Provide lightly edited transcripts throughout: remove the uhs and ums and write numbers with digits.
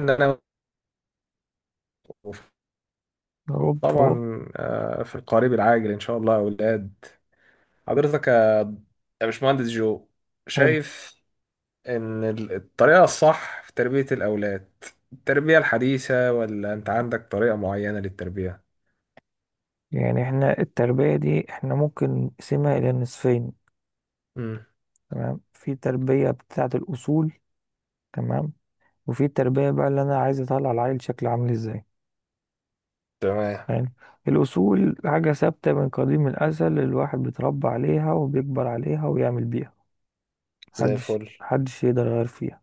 إن أنا هوب هوب. طبعا، في القريب العاجل إن شاء الله يا أولاد. حضرتك يا باشمهندس جو، حلو. شايف إن الطريقة الصح في تربية الأولاد، التربية الحديثة، ولا أنت عندك طريقة معينة للتربية؟ يعني احنا التربية دي احنا ممكن نقسمها إلى نصفين. مم. تمام، في تربية بتاعة الأصول. تمام. وفي تربية بقى اللي أنا عايز أطلع العيل شكله عامل إزاي. تمام، يعني الأصول حاجة ثابتة من قديم الأزل، الواحد بيتربى عليها وبيكبر عليها ويعمل بيها. زي محدش الفل. محدش يقدر يغير فيها.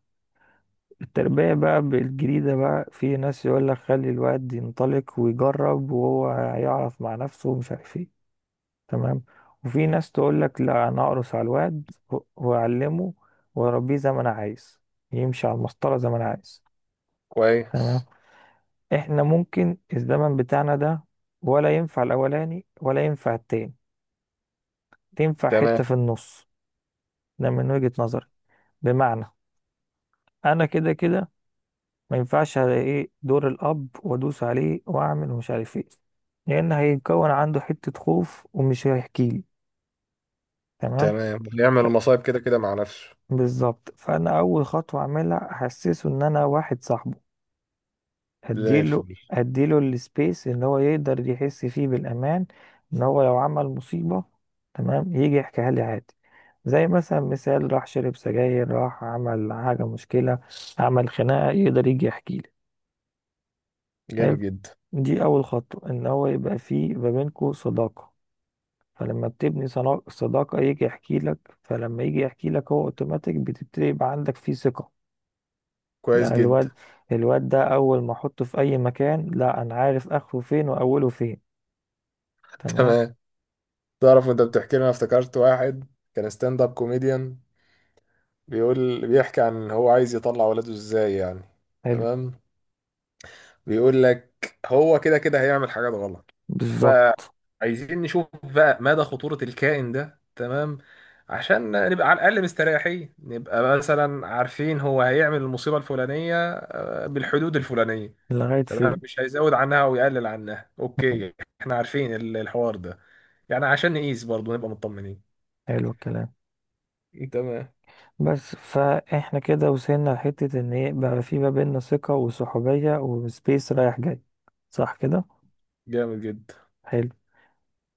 التربية بقى بالجريدة، بقى في ناس يقول لك خلي الواد ينطلق ويجرب وهو هيعرف مع نفسه ومش عارف ايه. تمام. وفي ناس تقول لك لا، انا اقرص على الواد واعلمه، واربيه زي ما انا عايز، يمشي على المسطره زي ما انا عايز. تمام. كويس. احنا ممكن الزمن بتاعنا ده، ولا ينفع الاولاني ولا ينفع التاني، تنفع حته تمام في النص. ده من وجهه نظري. بمعنى، انا كده كده ما ينفعش، على ايه دور الاب وادوس عليه واعمل ومش عارف ايه، لان هيتكون عنده حته خوف ومش هيحكي لي. تمام. تمام، بيعمل المصايب كده كده مع نفسه. بالظبط. فانا اول خطوه اعملها احسسه ان انا واحد صاحبه. زي هديله الفل. هديله السبيس ان هو يقدر يحس فيه بالامان. ان هو لو عمل مصيبه، تمام، يجي يحكيها لي عادي. زي مثلا، مثال، راح شرب سجاير، راح عمل حاجه مشكله، عمل خناقه، يقدر يجي يحكي لي. جامد حلو. جدا. دي اول خطوه، ان هو يبقى فيه ما بينكوا صداقه. فلما بتبني صداقه يجي يحكي لك. فلما يجي يحكي لك هو اوتوماتيك بتبتدي يبقى عندك فيه ثقه. كويس لا، جدا. الواد ده اول ما احطه في اي مكان، لا انا عارف اخره فين واوله فين. تمام. تمام. تعرف وانت بتحكي لي، انا افتكرت واحد كان ستاند اب كوميديان، بيقول، بيحكي عن هو عايز يطلع ولاده ازاي يعني. حلو. تمام. بيقول لك هو كده كده هيعمل حاجات غلط، بالظبط. فعايزين نشوف بقى مدى خطورة الكائن ده. تمام، عشان نبقى على الأقل مستريحين، نبقى مثلا عارفين هو هيعمل المصيبة الفلانية بالحدود الفلانية. لغاية تمام، فين. مش هيزود عنها أو يقلل عنها. أوكي، احنا عارفين الحوار ده يعني، عشان نقيس برضه نبقى مطمنين. حلو الكلام. تمام. بس فاحنا كده وصلنا لحتة ان ايه بقى، في ما بيننا ثقة وصحوبية وسبيس رايح جاي. صح كده. جامد جدا. حلو.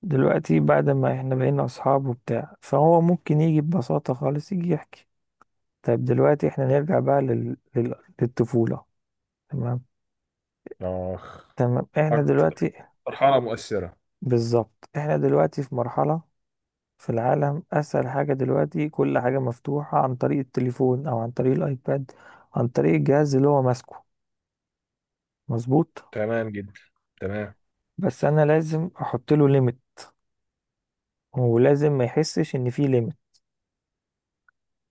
دلوقتي بعد ما احنا بقينا اصحاب وبتاع، فهو ممكن يجي ببساطة خالص يجي يحكي. طيب دلوقتي احنا نرجع بقى للطفولة. تمام. آخ. تمام. احنا أكتر دلوقتي. مرحلة مؤثرة. بالظبط احنا دلوقتي في مرحلة. في العالم اسهل حاجة دلوقتي، كل حاجة مفتوحة عن طريق التليفون او عن طريق الايباد، عن طريق الجهاز اللي هو ماسكه. مظبوط. تمام جدا. تمام. بس انا لازم احط له ليميت، ولازم ما يحسش ان في ليميت.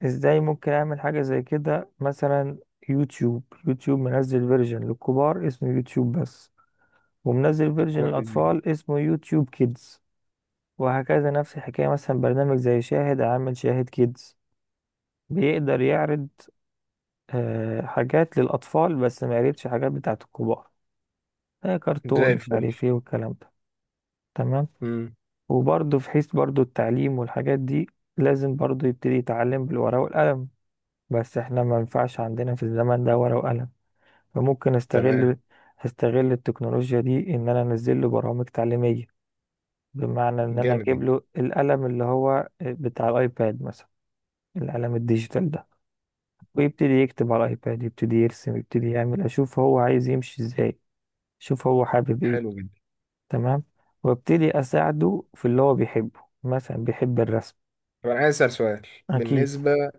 ازاي ممكن اعمل حاجة زي كده مثلا؟ يوتيوب منزل فيرجن للكبار اسمه يوتيوب بس، ومنزل فيرجن كويس جدا. للاطفال اسمه يوتيوب كيدز. وهكذا نفس الحكاية. مثلا برنامج زي شاهد عامل شاهد كيدز، بيقدر يعرض حاجات للأطفال بس، ما قريتش حاجات بتاعة الكبار، زي كرتون مش الفل. عارف ايه والكلام ده. تمام. امم وبرضه في حيث برضه التعليم والحاجات دي، لازم برضه يبتدي يتعلم بالورقة والقلم. بس احنا ما ينفعش عندنا في الزمن ده ورقة وقلم، فممكن تمام. استغل التكنولوجيا دي ان انا انزل له برامج تعليمية. بمعنى ان انا جامد اجيب جدا. له القلم اللي هو بتاع الايباد مثلا، القلم الديجيتال ده. ويبتدي يكتب على الايباد، يبتدي يرسم، يبتدي يعمل، اشوف هو عايز يمشي ازاي، شوف هو حابب ايه. حلو جدا. تمام. وابتدي اساعده في اللي هو بيحبه، مثلا بيحب الرسم. طب انا عايز اسال سؤال. اكيد. بالنسبه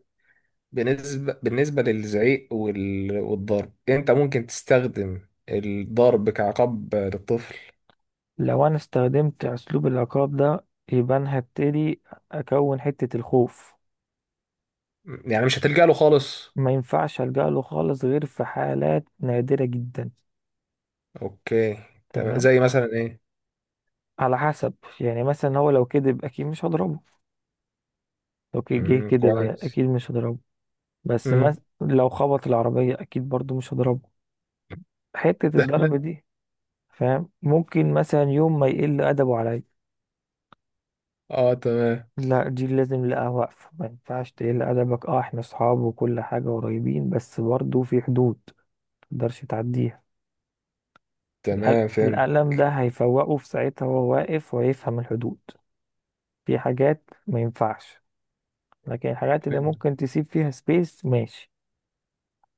بالنسبه للزعيق والضرب، انت ممكن تستخدم الضرب كعقاب للطفل؟ لو انا استخدمت اسلوب العقاب ده، يبقى انا هبتدي اكون حتة الخوف. يعني مش هتلجأ له خالص؟ ما ينفعش الجأ له خالص غير في حالات نادرة جدا. اوكي. تمام، تمام. زي مثلا ايه؟ على حسب. يعني مثلا هو لو كذب اكيد مش هضربه. لو جه كذب على كويس. اكيد مش هضربه. بس امم مثلا لو خبط العربية اكيد برضو مش هضربه. حتة الضرب دي. فاهم. ممكن مثلا يوم ما يقل ادبه عليا، اه تمام. لا دي لازم لا واقفة، ما ينفعش تقل أدبك. اه احنا صحاب وكل حاجة قريبين، بس برضه في حدود متقدرش تعديها. تمام فهمت. القلم ده هيفوقه في ساعتها وهو واقف، وهيفهم الحدود. في حاجات ما ينفعش. لكن الحاجات اللي فهمت. ممكن تسيب فيها سبيس، ماشي.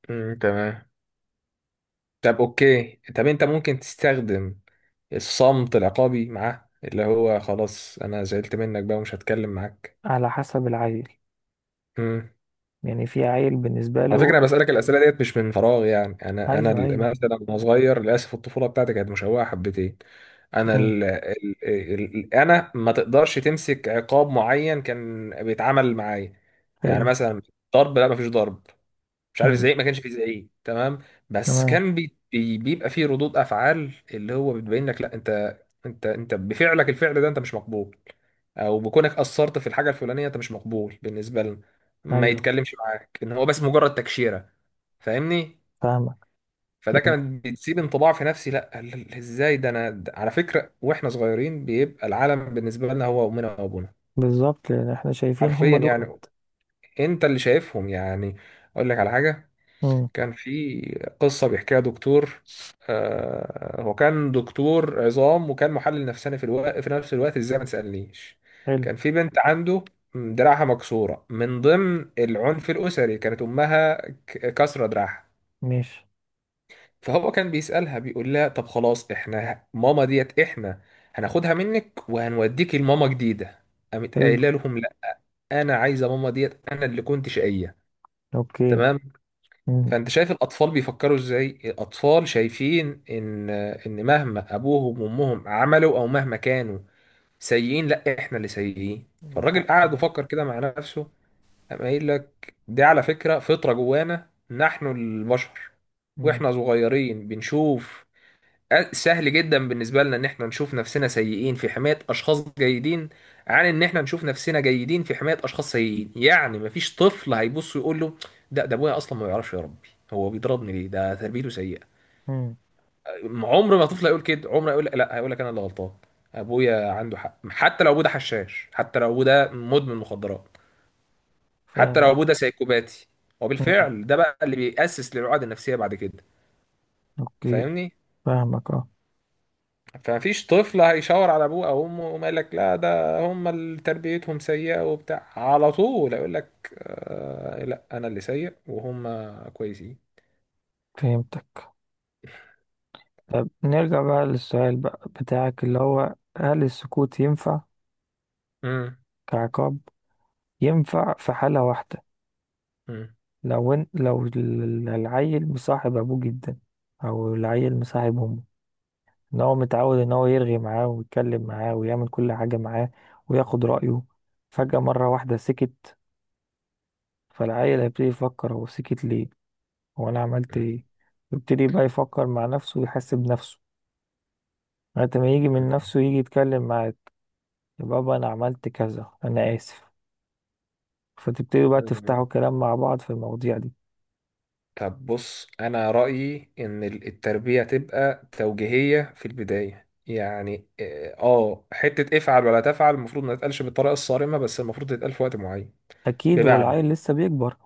تمام. طب اوكي، طب انت ممكن تستخدم الصمت العقابي معاه، اللي هو خلاص انا زعلت منك بقى ومش هتكلم معاك؟ على حسب العيل. امم يعني في عيل بالنسبة على له. فكره، انا بسالك الاسئله ديت مش من فراغ. يعني انا، أيوه، أيوه. مثلا وانا صغير، للاسف الطفوله بتاعتي كانت مشوهه حبتين. انا، مم. ال ال ال ال انا ما تقدرش تمسك عقاب معين كان بيتعامل معايا. يعني حلو. مثلا ضرب، لا ما فيش ضرب. مش عارف، مم. زعيق ما كانش فيه زعيق. تمام. بس تمام. كان بي بي بيبقى فيه ردود افعال، اللي هو بتبين لك لا انت، انت بفعلك الفعل ده انت مش مقبول، او بكونك اثرت في الحاجه الفلانيه انت مش مقبول بالنسبه لنا، ما أيوه. يتكلمش معاك، ان هو بس مجرد تكشيره. فاهمني؟ فاهمك. فده يعني كان بتسيب انطباع في نفسي، لا ازاي ده؟ انا ده على فكره، واحنا صغيرين بيبقى العالم بالنسبه لنا هو امنا وابونا. بالظبط، لأن احنا شايفين هم حرفيا دول. يعني. انت اللي شايفهم يعني. اقول لك على حاجه. مم. كان في قصة بيحكيها دكتور، هو كان دكتور عظام وكان محلل نفساني في نفس الوقت، ازاي ما تسألنيش. حلو. كان في بنت عنده، دراعها مكسورة، من ضمن العنف الأسري، كانت أمها كسرة دراعها. ماشي. فهو كان بيسألها، بيقول لها طب خلاص احنا ماما ديت احنا هناخدها منك وهنوديك لماما جديدة. قامت حلو. قايله لهم لا، انا عايزه ماما ديت، انا اللي كنت شقيه. اوكي. تمام. مم. فانت شايف الاطفال بيفكروا ازاي. الاطفال شايفين ان مهما ابوهم وامهم عملوا، او مهما كانوا سيئين، لا احنا اللي سيئين. من فالراجل قعد حقهم. وفكر كده مع نفسه، قام قايل لك دي على فكرة فطرة جوانا نحن البشر. مم. واحنا صغيرين بنشوف سهل جدا بالنسبة لنا ان احنا نشوف نفسنا سيئين في حماية اشخاص جيدين عن ان احنا نشوف نفسنا جيدين في حماية اشخاص سيئين. يعني مفيش طفل هيبص يقول له ده ابويا اصلا ما بيعرفش يربي، هو بيضربني ليه، ده تربيته سيئة. مم. عمر ما طفل هيقول كده. عمر هيقول لا، هيقول لك انا اللي غلطان، ابويا عنده حق، حتى لو ابوه ده حشاش، حتى لو ابوه ده مدمن مخدرات، حتى لو فاهمك. ابوه ده سايكوباتي. مم. وبالفعل ده بقى اللي بيأسس للعقد النفسية بعد كده. اوكي. فاهمني؟ فاهمك اه. فمفيش طفل هيشاور على ابوه او امه وما يقول لك لا ده هم اللي تربيتهم سيئه وبتاع، على طول اقول لك آه لا انا اللي سيء وهم كويسين. فهمتك. طب نرجع بقى للسؤال بقى بتاعك، اللي هو هل السكوت ينفع مم. كعقاب؟ ينفع في حالة واحدة. مم. لو العيل مصاحب ابوه جدا، او العيل مصاحب امه. ان هو متعود ان هو يرغي معاه ويتكلم معاه ويعمل كل حاجة معاه وياخد رأيه، فجأة مرة واحدة سكت. فالعيل هيبتدي يفكر، هو سكت ليه، هو انا عملت ايه؟ يبتدي بقى يفكر مع نفسه ويحاسب نفسه لغاية ما يجي من نفسه يجي يتكلم معاك. يا بابا انا عملت كذا، انا اسف. فتبتدوا بقى تفتحوا مم. كلام مع بعض في المواضيع دي. طب بص، انا رايي ان التربيه تبقى توجيهيه في البدايه. يعني اه، حته افعل ولا تفعل، المفروض ما تتقالش بالطريقه الصارمه، بس المفروض تتقال في وقت معين. اكيد هو بمعنى، العيل لسه بيكبر.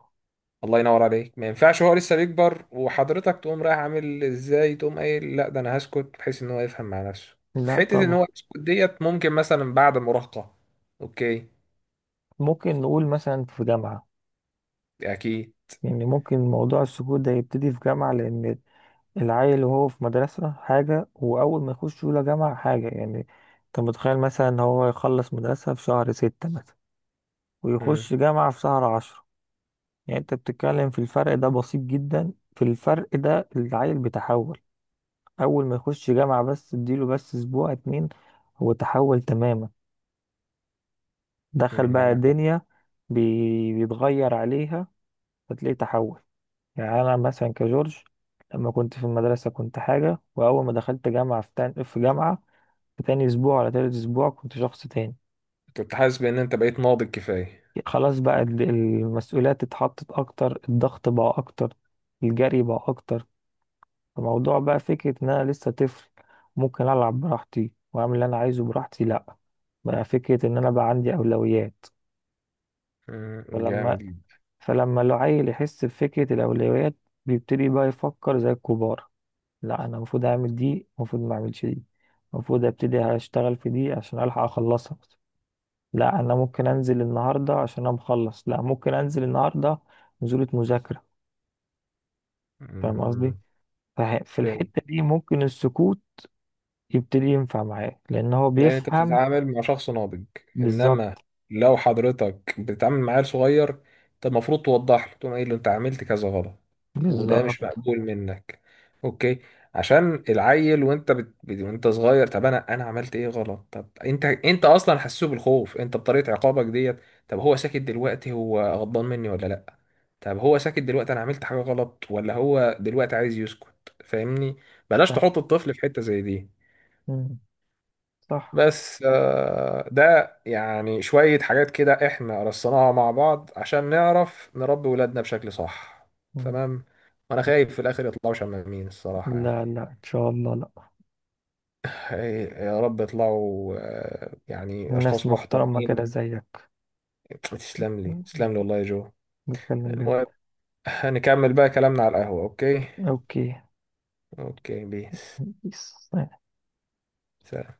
الله ينور عليك، ما ينفعش هو لسه بيكبر وحضرتك تقوم رايح عامل ازاي، تقوم قايل لا ده انا هسكت بحيث ان هو يفهم مع نفسه. لا حتة ان طبعا. هو يسكت ديت ممكن مثلا بعد المراهقة. اوكي. ممكن نقول مثلا في جامعة. اكيد. يعني ممكن موضوع السكوت ده يبتدي في جامعة، لان العيل وهو في مدرسة حاجة، واول ما يخش اولى جامعة حاجة. يعني انت متخيل مثلا إن هو يخلص مدرسة في شهر 6 مثلا، امم ويخش جامعة في شهر 10. يعني انت بتتكلم في الفرق، ده بسيط جدا. في الفرق ده العيل بيتحول. اول ما يخش جامعة، بس اديله بس اسبوع 2، هو تحول تماما. دخل بقى عندك حق. دنيا، بيتغير عليها، فتلاقيه تحول. يعني انا مثلا كجورج، لما كنت في المدرسة كنت حاجة، واول ما دخلت جامعة في جامعة، في تاني اسبوع ولا تالت اسبوع كنت شخص تاني. كنت حاسس بان انت بقيت ناضج كفاية. خلاص بقى المسؤوليات اتحطت اكتر، الضغط بقى اكتر، الجري بقى اكتر. فموضوع بقى فكرة إن أنا لسه طفل، ممكن ألعب براحتي وأعمل اللي أنا عايزه براحتي، لأ بقى فكرة إن أنا بقى عندي أولويات. فلما جامد جدا. فلما العيل يحس بفكرة الأولويات، بيبتدي بقى يفكر زي الكبار. لأ أنا المفروض أعمل دي، المفروض ما أعملش دي، المفروض أبتدي أشتغل في دي عشان ألحق أخلصها. لأ أنا ممكن أنزل النهاردة عشان أنا مخلص، لأ ممكن أنزل النهاردة نزولة مذاكرة. فاهم قصدي؟ امم في الحتة دي ممكن السكوت يبتدي ينفع معاه، لأن هو لان انت بيفهم. بتتعامل مع شخص ناضج. بالظبط. انما لو حضرتك بتتعامل مع عيل صغير، انت المفروض توضح له، تقوم قايل له ايه اللي انت عملت كذا غلط، وده مش بالظبط. مقبول منك. اوكي، عشان العيل وانت وانت صغير، طب انا، انا عملت ايه غلط؟ طب انت، انت اصلا حسسه بالخوف انت بطريقه عقابك ديت. طب هو ساكت دلوقتي، هو غضبان مني ولا لا؟ طب هو ساكت دلوقتي، انا عملت حاجه غلط ولا هو دلوقتي عايز يسكت؟ فاهمني؟ بلاش ف- تحط الطفل في حته زي دي. مم. صح. بس ده يعني شوية حاجات كده احنا رصيناها مع بعض عشان نعرف نربي ولادنا بشكل صح. مم. تمام. وانا خايف في الاخر يطلعوا شمامين الصراحة لا يعني. لا، إن شاء الله لا. إيه، يا رب يطلعوا يعني الناس اشخاص محترمة كده محترمين. زيك. تسلم لي، مم. تسلم لي والله يا جو. بتكلم جد. المهم، هنكمل بقى كلامنا على القهوة. اوكي. أوكي. اوكي، بيس. بيس. سلام.